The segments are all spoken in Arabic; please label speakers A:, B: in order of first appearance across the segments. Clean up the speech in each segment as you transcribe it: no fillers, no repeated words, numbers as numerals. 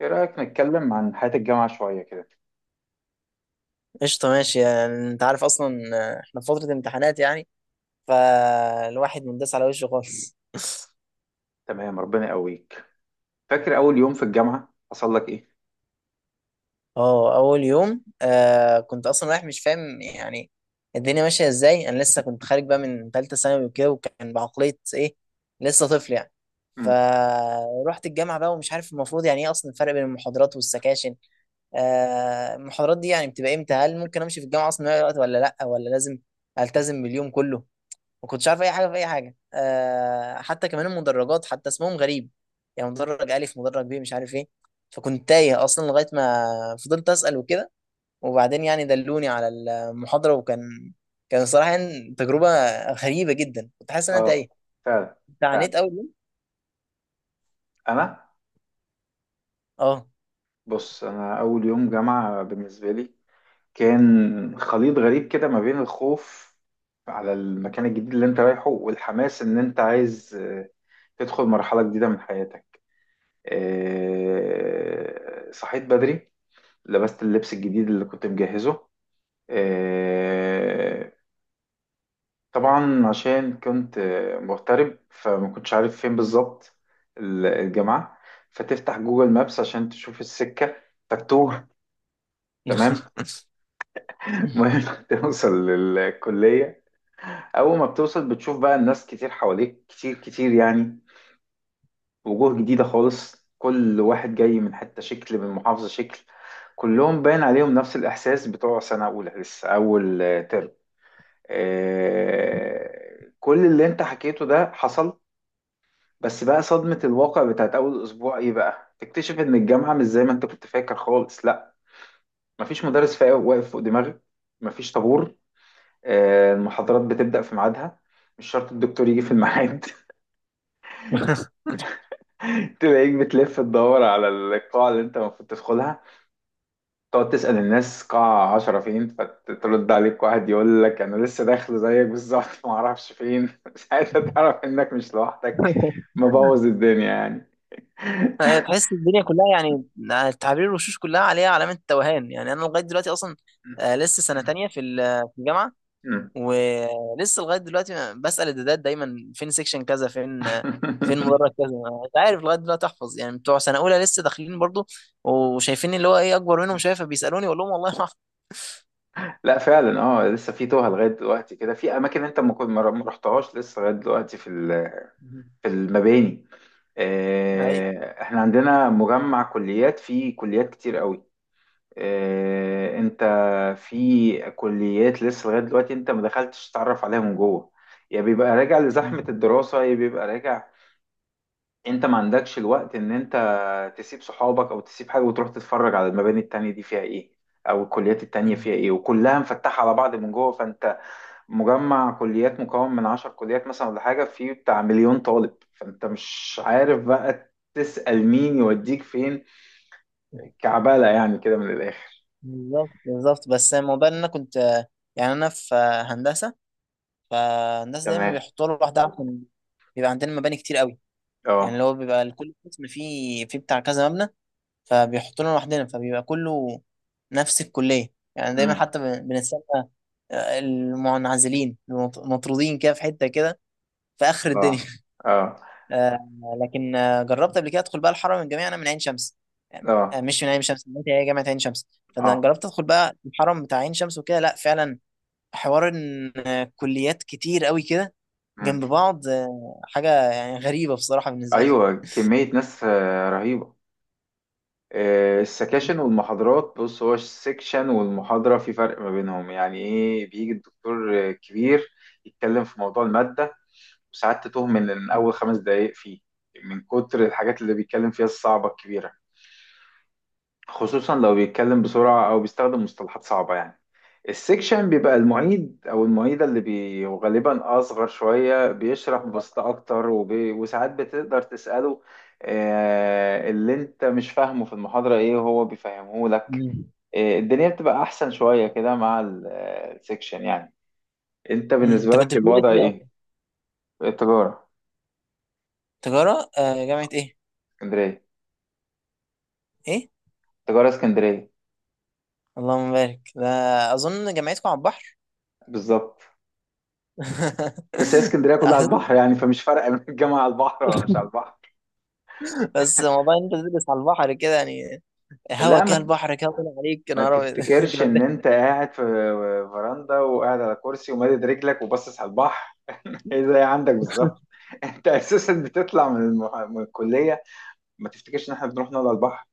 A: ايه رأيك نتكلم عن حياة الجامعة شوية كده؟
B: قشطة، ماشي. يعني انت عارف اصلا، احنا في فترة امتحانات يعني، فالواحد منداس على وشه خالص.
A: تمام، ربنا يقويك. فاكر اول يوم في الجامعة حصل لك ايه؟
B: اه، اول يوم. كنت اصلا رايح مش فاهم يعني الدنيا ماشية ازاي. انا لسه كنت خارج بقى من ثالثة ثانوي وكده، وكان بعقلية ايه، لسه طفل يعني.
A: امم.
B: فروحت الجامعة بقى ومش عارف المفروض يعني ايه اصلا الفرق بين المحاضرات والسكاشن. المحاضرات دي يعني بتبقى امتى؟ هل ممكن امشي في الجامعة اصلا من أي وقت ولا لا، ولا لازم التزم باليوم كله؟ ما كنتش عارف اي حاجه في اي حاجه. حتى كمان المدرجات حتى اسمهم غريب، يعني مدرج الف، مدرج ب، مش عارف ايه. فكنت تايه اصلا لغايه ما فضلت اسال وكده، وبعدين يعني دلوني على المحاضره، وكان صراحه يعني تجربه غريبه جدا، كنت حاسس ان انا
A: اه،
B: تايه.
A: فعلا.
B: انت
A: فعلا.
B: عانيت اول يوم؟
A: انا.
B: اه.
A: بص، انا اول يوم جامعة بالنسبة لي كان خليط غريب كده ما بين الخوف على المكان الجديد اللي انت رايحه، والحماس ان انت عايز تدخل مرحلة جديدة من حياتك. صحيت بدري، لبست اللبس الجديد اللي كنت مجهزه. آه، طبعا عشان كنت مغترب فما كنتش عارف فين بالظبط الجامعة. فتفتح جوجل مابس عشان تشوف السكة، تتوه. تمام. المهم توصل للكلية. أول ما بتوصل بتشوف بقى الناس كتير حواليك، كتير كتير يعني. وجوه جديدة خالص، كل واحد جاي من حتة شكل، من محافظة شكل. كلهم باين عليهم نفس الإحساس بتوع سنة أولى لسه أول ترم. كل اللي أنت حكيته ده حصل. بس بقى صدمة الواقع بتاعت أول أسبوع إيه بقى؟ تكتشف إن الجامعة مش زي ما أنت كنت فاكر خالص، لأ، مفيش مدرس واقف فوق دماغك، مفيش طابور، المحاضرات بتبدأ في ميعادها، مش شرط الدكتور يجي في الميعاد. تلاقيك بتلف تدور على القاعة اللي أنت المفروض تدخلها، تقعد تسأل الناس قاعة 10 فين، فترد عليك واحد يقول لك أنا لسه داخل زيك بالظبط. معرفش فين. ساعتها تعرف إنك مش لوحدك، مبوظ الدنيا يعني.
B: تحس الدنيا كلها يعني تعابير الوشوش كلها عليها علامه توهان، يعني انا لغايه دلوقتي اصلا، لسه سنه تانية في في الجامعه. ولسه لغايه دلوقتي أنا بسال الدادات دايما فين سيكشن كذا، فين مدرج كذا، مش عارف لغايه دلوقتي احفظ يعني. بتوع سنه اولى لسه داخلين برضو وشايفين اللي هو ايه اكبر منهم، شايفه بيسالوني، اقول لهم والله ما اعرف.
A: لا فعلا، اه لسه في توها لغايه دلوقتي كده، في اماكن انت ما كنت ما رحتهاش لسه لغايه دلوقتي في في المباني.
B: أي.
A: احنا عندنا مجمع كليات فيه كليات كتير قوي. انت في كليات لسه لغايه دلوقتي انت ما دخلتش تتعرف عليها من جوه، يا بيبقى راجع لزحمه الدراسه، يا بيبقى راجع. انت ما عندكش الوقت ان انت تسيب صحابك او تسيب حاجه وتروح تتفرج على المباني التانية دي فيها ايه، او الكليات التانية فيها ايه. وكلها مفتحه على بعض من جوه. فانت مجمع كليات مكون من 10 كليات مثلا ولا حاجه، فيه بتاع مليون طالب، فانت مش عارف بقى تسأل مين يوديك فين. كعبالة يعني كده من الاخر.
B: بالظبط بالظبط، بس الموضوع ان انا كنت يعني. انا في هندسه، فالناس دايما
A: تمام.
B: بيحطوا له لوحدها عشان بيبقى عندنا مباني كتير قوي، يعني اللي
A: اه.
B: هو بيبقى لكل قسم فيه، فيه بتاع كذا مبنى، فبيحطونا لوحدنا، فبيبقى كله نفس الكلية يعني دايما.
A: امم.
B: حتى بنستنى، المنعزلين، المطرودين كده في حتة كده في آخر الدنيا.
A: اه. اه.
B: آه، لكن جربت قبل كده أدخل بقى الحرم الجامعي. أنا من عين شمس، يعني
A: اه.
B: مش من عين شمس، من هي جامعة عين شمس. فأنا
A: اه.
B: جربت أدخل بقى الحرم بتاع عين شمس وكده. لا فعلا، حوار إن كليات كتير قوي كده
A: مم.
B: جنب بعض حاجة يعني غريبة بصراحة بالنسبة لي.
A: ايوه كمية ناس رهيبة. السكاشن والمحاضرات، بص، هو السكشن والمحاضرة في فرق ما بينهم. يعني ايه؟ بيجي الدكتور كبير، يتكلم في موضوع المادة، وساعات تتوه من أول 5 دقايق فيه، من كتر الحاجات اللي بيتكلم فيها الصعبة الكبيرة، خصوصا لو بيتكلم بسرعة أو بيستخدم مصطلحات صعبة يعني. السكشن بيبقى المعيد أو المعيدة اللي غالبا أصغر شوية، بيشرح ببساطة أكتر، وساعات بتقدر تسأله اللي أنت مش فاهمه في المحاضرة إيه، وهو بيفهمه لك.
B: مم.
A: الدنيا بتبقى أحسن شوية كده مع السكشن يعني. أنت
B: مم.
A: بالنسبة
B: أنت كنت
A: لك
B: بتدرس
A: الوضع
B: إيه أصلا؟
A: إيه؟ التجارة.
B: تجارة جامعة إيه؟
A: اسكندرية.
B: ايه.
A: تجارة اسكندرية.
B: اللهم بارك ده. اظن جامعتكم على البحر.
A: بالظبط. بس هي اسكندرية كلها على البحر
B: أحسن-
A: يعني، فمش فارقة من الجامعة على البحر ولا مش على البحر.
B: بس موضوع إن انت تدرس على البحر كده يعني. هوا
A: لا،
B: كده،
A: ما
B: البحر كده طلع عليك يا
A: ما
B: نهار أبيض.
A: تفتكرش ان
B: جامد.
A: انت قاعد في فراندا وقاعد على كرسي ومادد رجلك وباصص على البحر. ايه ده عندك بالظبط؟ انت اساسا بتطلع من من الكليه. ما تفتكرش ان احنا بنروح نقعد على البحر.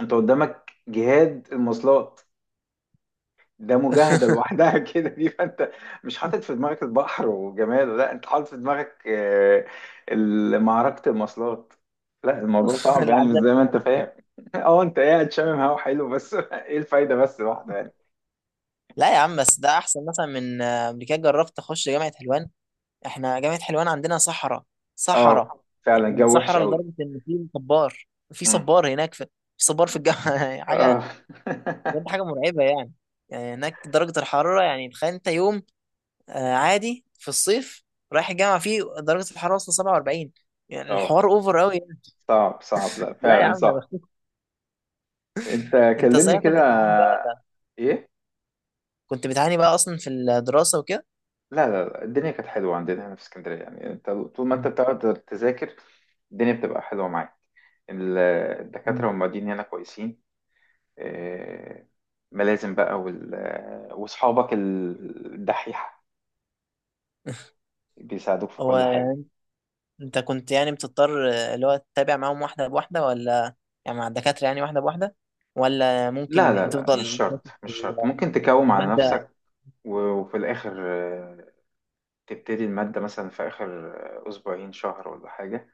A: انت قدامك جهاد المواصلات، ده مجاهده لوحدها. كده دي. فانت مش حاطط في دماغك البحر وجماله، لا، انت حاطط في دماغك معركه المواصلات. لا الموضوع صعب يعني، مش
B: العذاب
A: زي ما
B: بتاع
A: انت فاهم. اه انت قاعد شامم هوا حلو بس، ايه الفايده بس لوحده يعني؟
B: لا يا عم، بس ده احسن مثلا من قبل كده جربت اخش جامعه حلوان. احنا جامعه حلوان عندنا صحراء، صحراء.
A: اه فعلا
B: يعني
A: الجو وحش
B: صحراء
A: قوي.
B: لدرجه ان في صبار، في
A: امم.
B: صبار هناك، في صبار في الجامعه. حاجه،
A: اه.
B: بجد حاجه مرعبه يعني. يعني هناك درجه الحراره يعني تخيل انت، يوم عادي في الصيف رايح الجامعه فيه درجه الحراره وصل 47. يعني
A: اه،
B: الحوار اوفر قوي يعني.
A: صعب صعب، لا
B: لا يا
A: فعلا
B: عم، يا
A: صعب.
B: بختك.
A: انت
B: انت
A: كلمني
B: صحيح
A: كده.
B: كنت بتعاني بقى ولا؟
A: ايه؟
B: كنت بتعاني بقى اصلا في الدراسه وكده؟
A: لا لا لا، الدنيا كانت حلوه عندنا هنا في اسكندريه يعني. انت طول ما انت
B: مم.
A: بتقعد تذاكر، الدنيا بتبقى حلوه معاك. ال- الدكاتره
B: مم.
A: والمعيدين هنا كويسين. آه، ملازم بقى واصحابك الدحيحه، بيساعدوك في
B: هو
A: كل حاجه.
B: انت كنت يعني بتضطر اللي هو تتابع معاهم واحده بواحده، ولا يعني مع الدكاتره يعني واحده بواحده؟ ولا
A: لا لا
B: ممكن
A: لا، مش
B: تفضل فاكس
A: شرط
B: في
A: مش شرط، ممكن
B: في
A: تكوم على
B: الماده؟
A: نفسك و- وفي الآخر تبتدي المادة مثلا في آخر أسبوعين شهر ولا حاجة.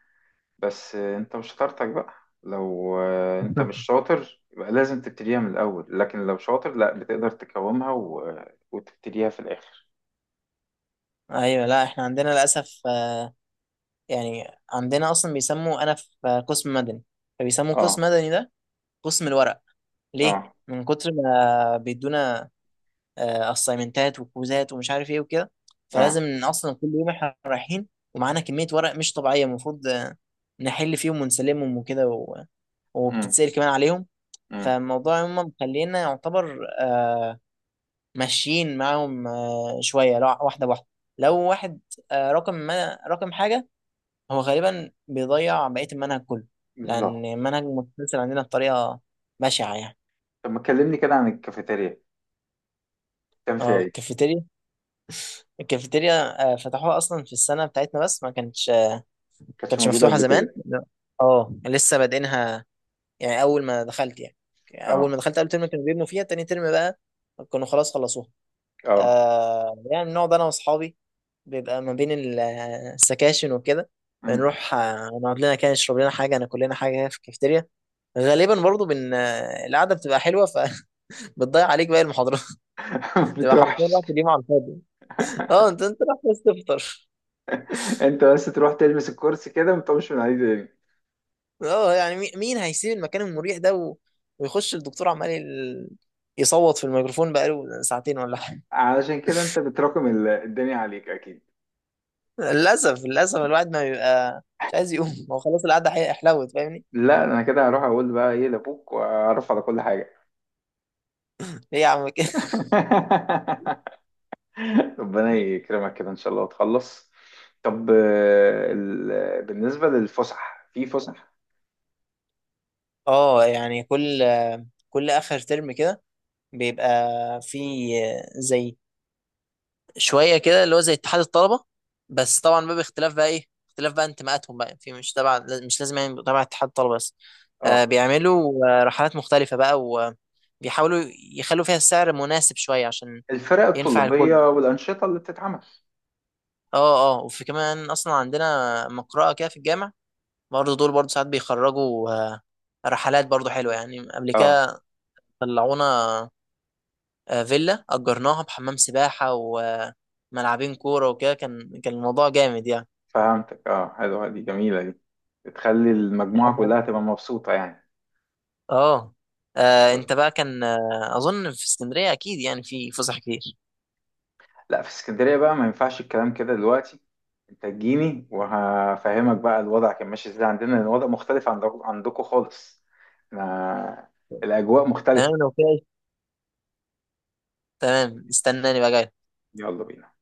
A: بس أنت مش شطارتك بقى، لو أنت مش شاطر يبقى لازم تبتديها من الأول، لكن لو شاطر لا، بتقدر تقاومها وتبتديها في الآخر.
B: ايوه. لا، احنا عندنا للاسف يعني عندنا اصلا بيسموا، انا في قسم مدني، فبيسموا قسم
A: اه.
B: مدني ده قسم الورق، ليه؟
A: اه.
B: من كتر ما بيدونا اسايمنتات وكوزات ومش عارف ايه وكده.
A: اه.
B: فلازم إن اصلا كل يوم احنا رايحين ومعانا كميه ورق مش طبيعيه، المفروض نحل فيهم ونسلمهم وكده
A: امم.
B: وبتتسأل كمان عليهم.
A: امم.
B: فالموضوع هم مخلينا يعتبر ماشيين معاهم شويه، لو واحده بواحده، لو واحد رقم، ما رقم حاجه هو غالبا بيضيع بقيه المنهج كله،
A: بالظبط.
B: لان المنهج متسلسل عندنا بطريقه بشعه يعني.
A: طب ما تكلمني كده عن الكافيتيريا، كان فيها
B: اه
A: ايه؟
B: الكافيتيريا. الكافيتيريا فتحوها اصلا في السنه بتاعتنا، بس ما كانتش آه،
A: كانتش
B: كانتش
A: موجودة
B: مفتوحه
A: قبل
B: زمان،
A: كده.
B: لا. اه لسه بادئينها يعني. اول ما
A: اه.
B: دخلت اول ترم كانوا بيبنوا فيها، تاني ترم بقى كانوا خلاص خلصوها.
A: اه.
B: يعني بنقعد انا واصحابي، بيبقى ما بين السكاشن وكده،
A: أمم.
B: بنروح نقعد لنا كده، نشرب لنا حاجه، ناكل لنا حاجه هنا في الكافيتيريا. غالبا برضو بن آه، القعده بتبقى حلوه، فبتضيع عليك باقي المحاضرات.
A: ما
B: تبقى حرفيا
A: بتروحش.
B: رحت اليوم على الفاضي. اه انت رايح بس تفطر.
A: انت بس تروح تلمس الكرسي كده وما تقومش من عليه تاني.
B: اه يعني مين هيسيب المكان المريح ده و ويخش الدكتور عمال يصوت في الميكروفون بقاله ساعتين ولا حاجه.
A: علشان كده انت بتراكم الدنيا عليك اكيد.
B: للاسف للاسف الواحد ما بيبقى مش عايز يقوم. هو خلاص القعده حلوت، فاهمني؟
A: لا انا كده هروح اقول بقى ايه لابوك واعرف على كل حاجه.
B: ليه يا عم كده؟
A: ربنا يكرمك كده ان شاء الله وتخلص. طب بالنسبه للفسح، في فسح؟
B: اه يعني كل اخر ترم كده بيبقى في زي شويه كده اللي هو زي اتحاد الطلبه، بس طبعا بقى باختلاف بقى ايه اختلاف بقى انتماءاتهم بقى، في مش تبع، مش لازم يعني تبع اتحاد الطلبه بس. آه
A: اه
B: بيعملوا رحلات مختلفه بقى، وبيحاولوا يخلوا فيها السعر مناسب شويه عشان
A: الفرق
B: ينفع الكل.
A: الطلابيه والانشطه اللي بتتعمل.
B: اه اه، وفي كمان اصلا عندنا مقرأة كده في الجامع، برضه دول برضه ساعات بيخرجوا رحلات برضه حلوه يعني. قبل
A: اه
B: كده طلعونا فيلا اجرناها بحمام سباحه وملعبين كوره وكده، كان الموضوع جامد يعني.
A: فهمتك، اه حلوه دي، جميله دي، بتخلي المجموعه كلها تبقى مبسوطه يعني.
B: اه انت بقى كان اظن في اسكندريه اكيد يعني في فسح كتير.
A: لا في اسكندرية بقى ما ينفعش الكلام كده دلوقتي. انت تجيني وهفهمك بقى الوضع كان ماشي ازاي عندنا، لان الوضع مختلف عن عندكم خالص. احنا الاجواء
B: تمام
A: مختلفة.
B: لو كده. تمام، استناني بقى جاي.
A: يلا بينا.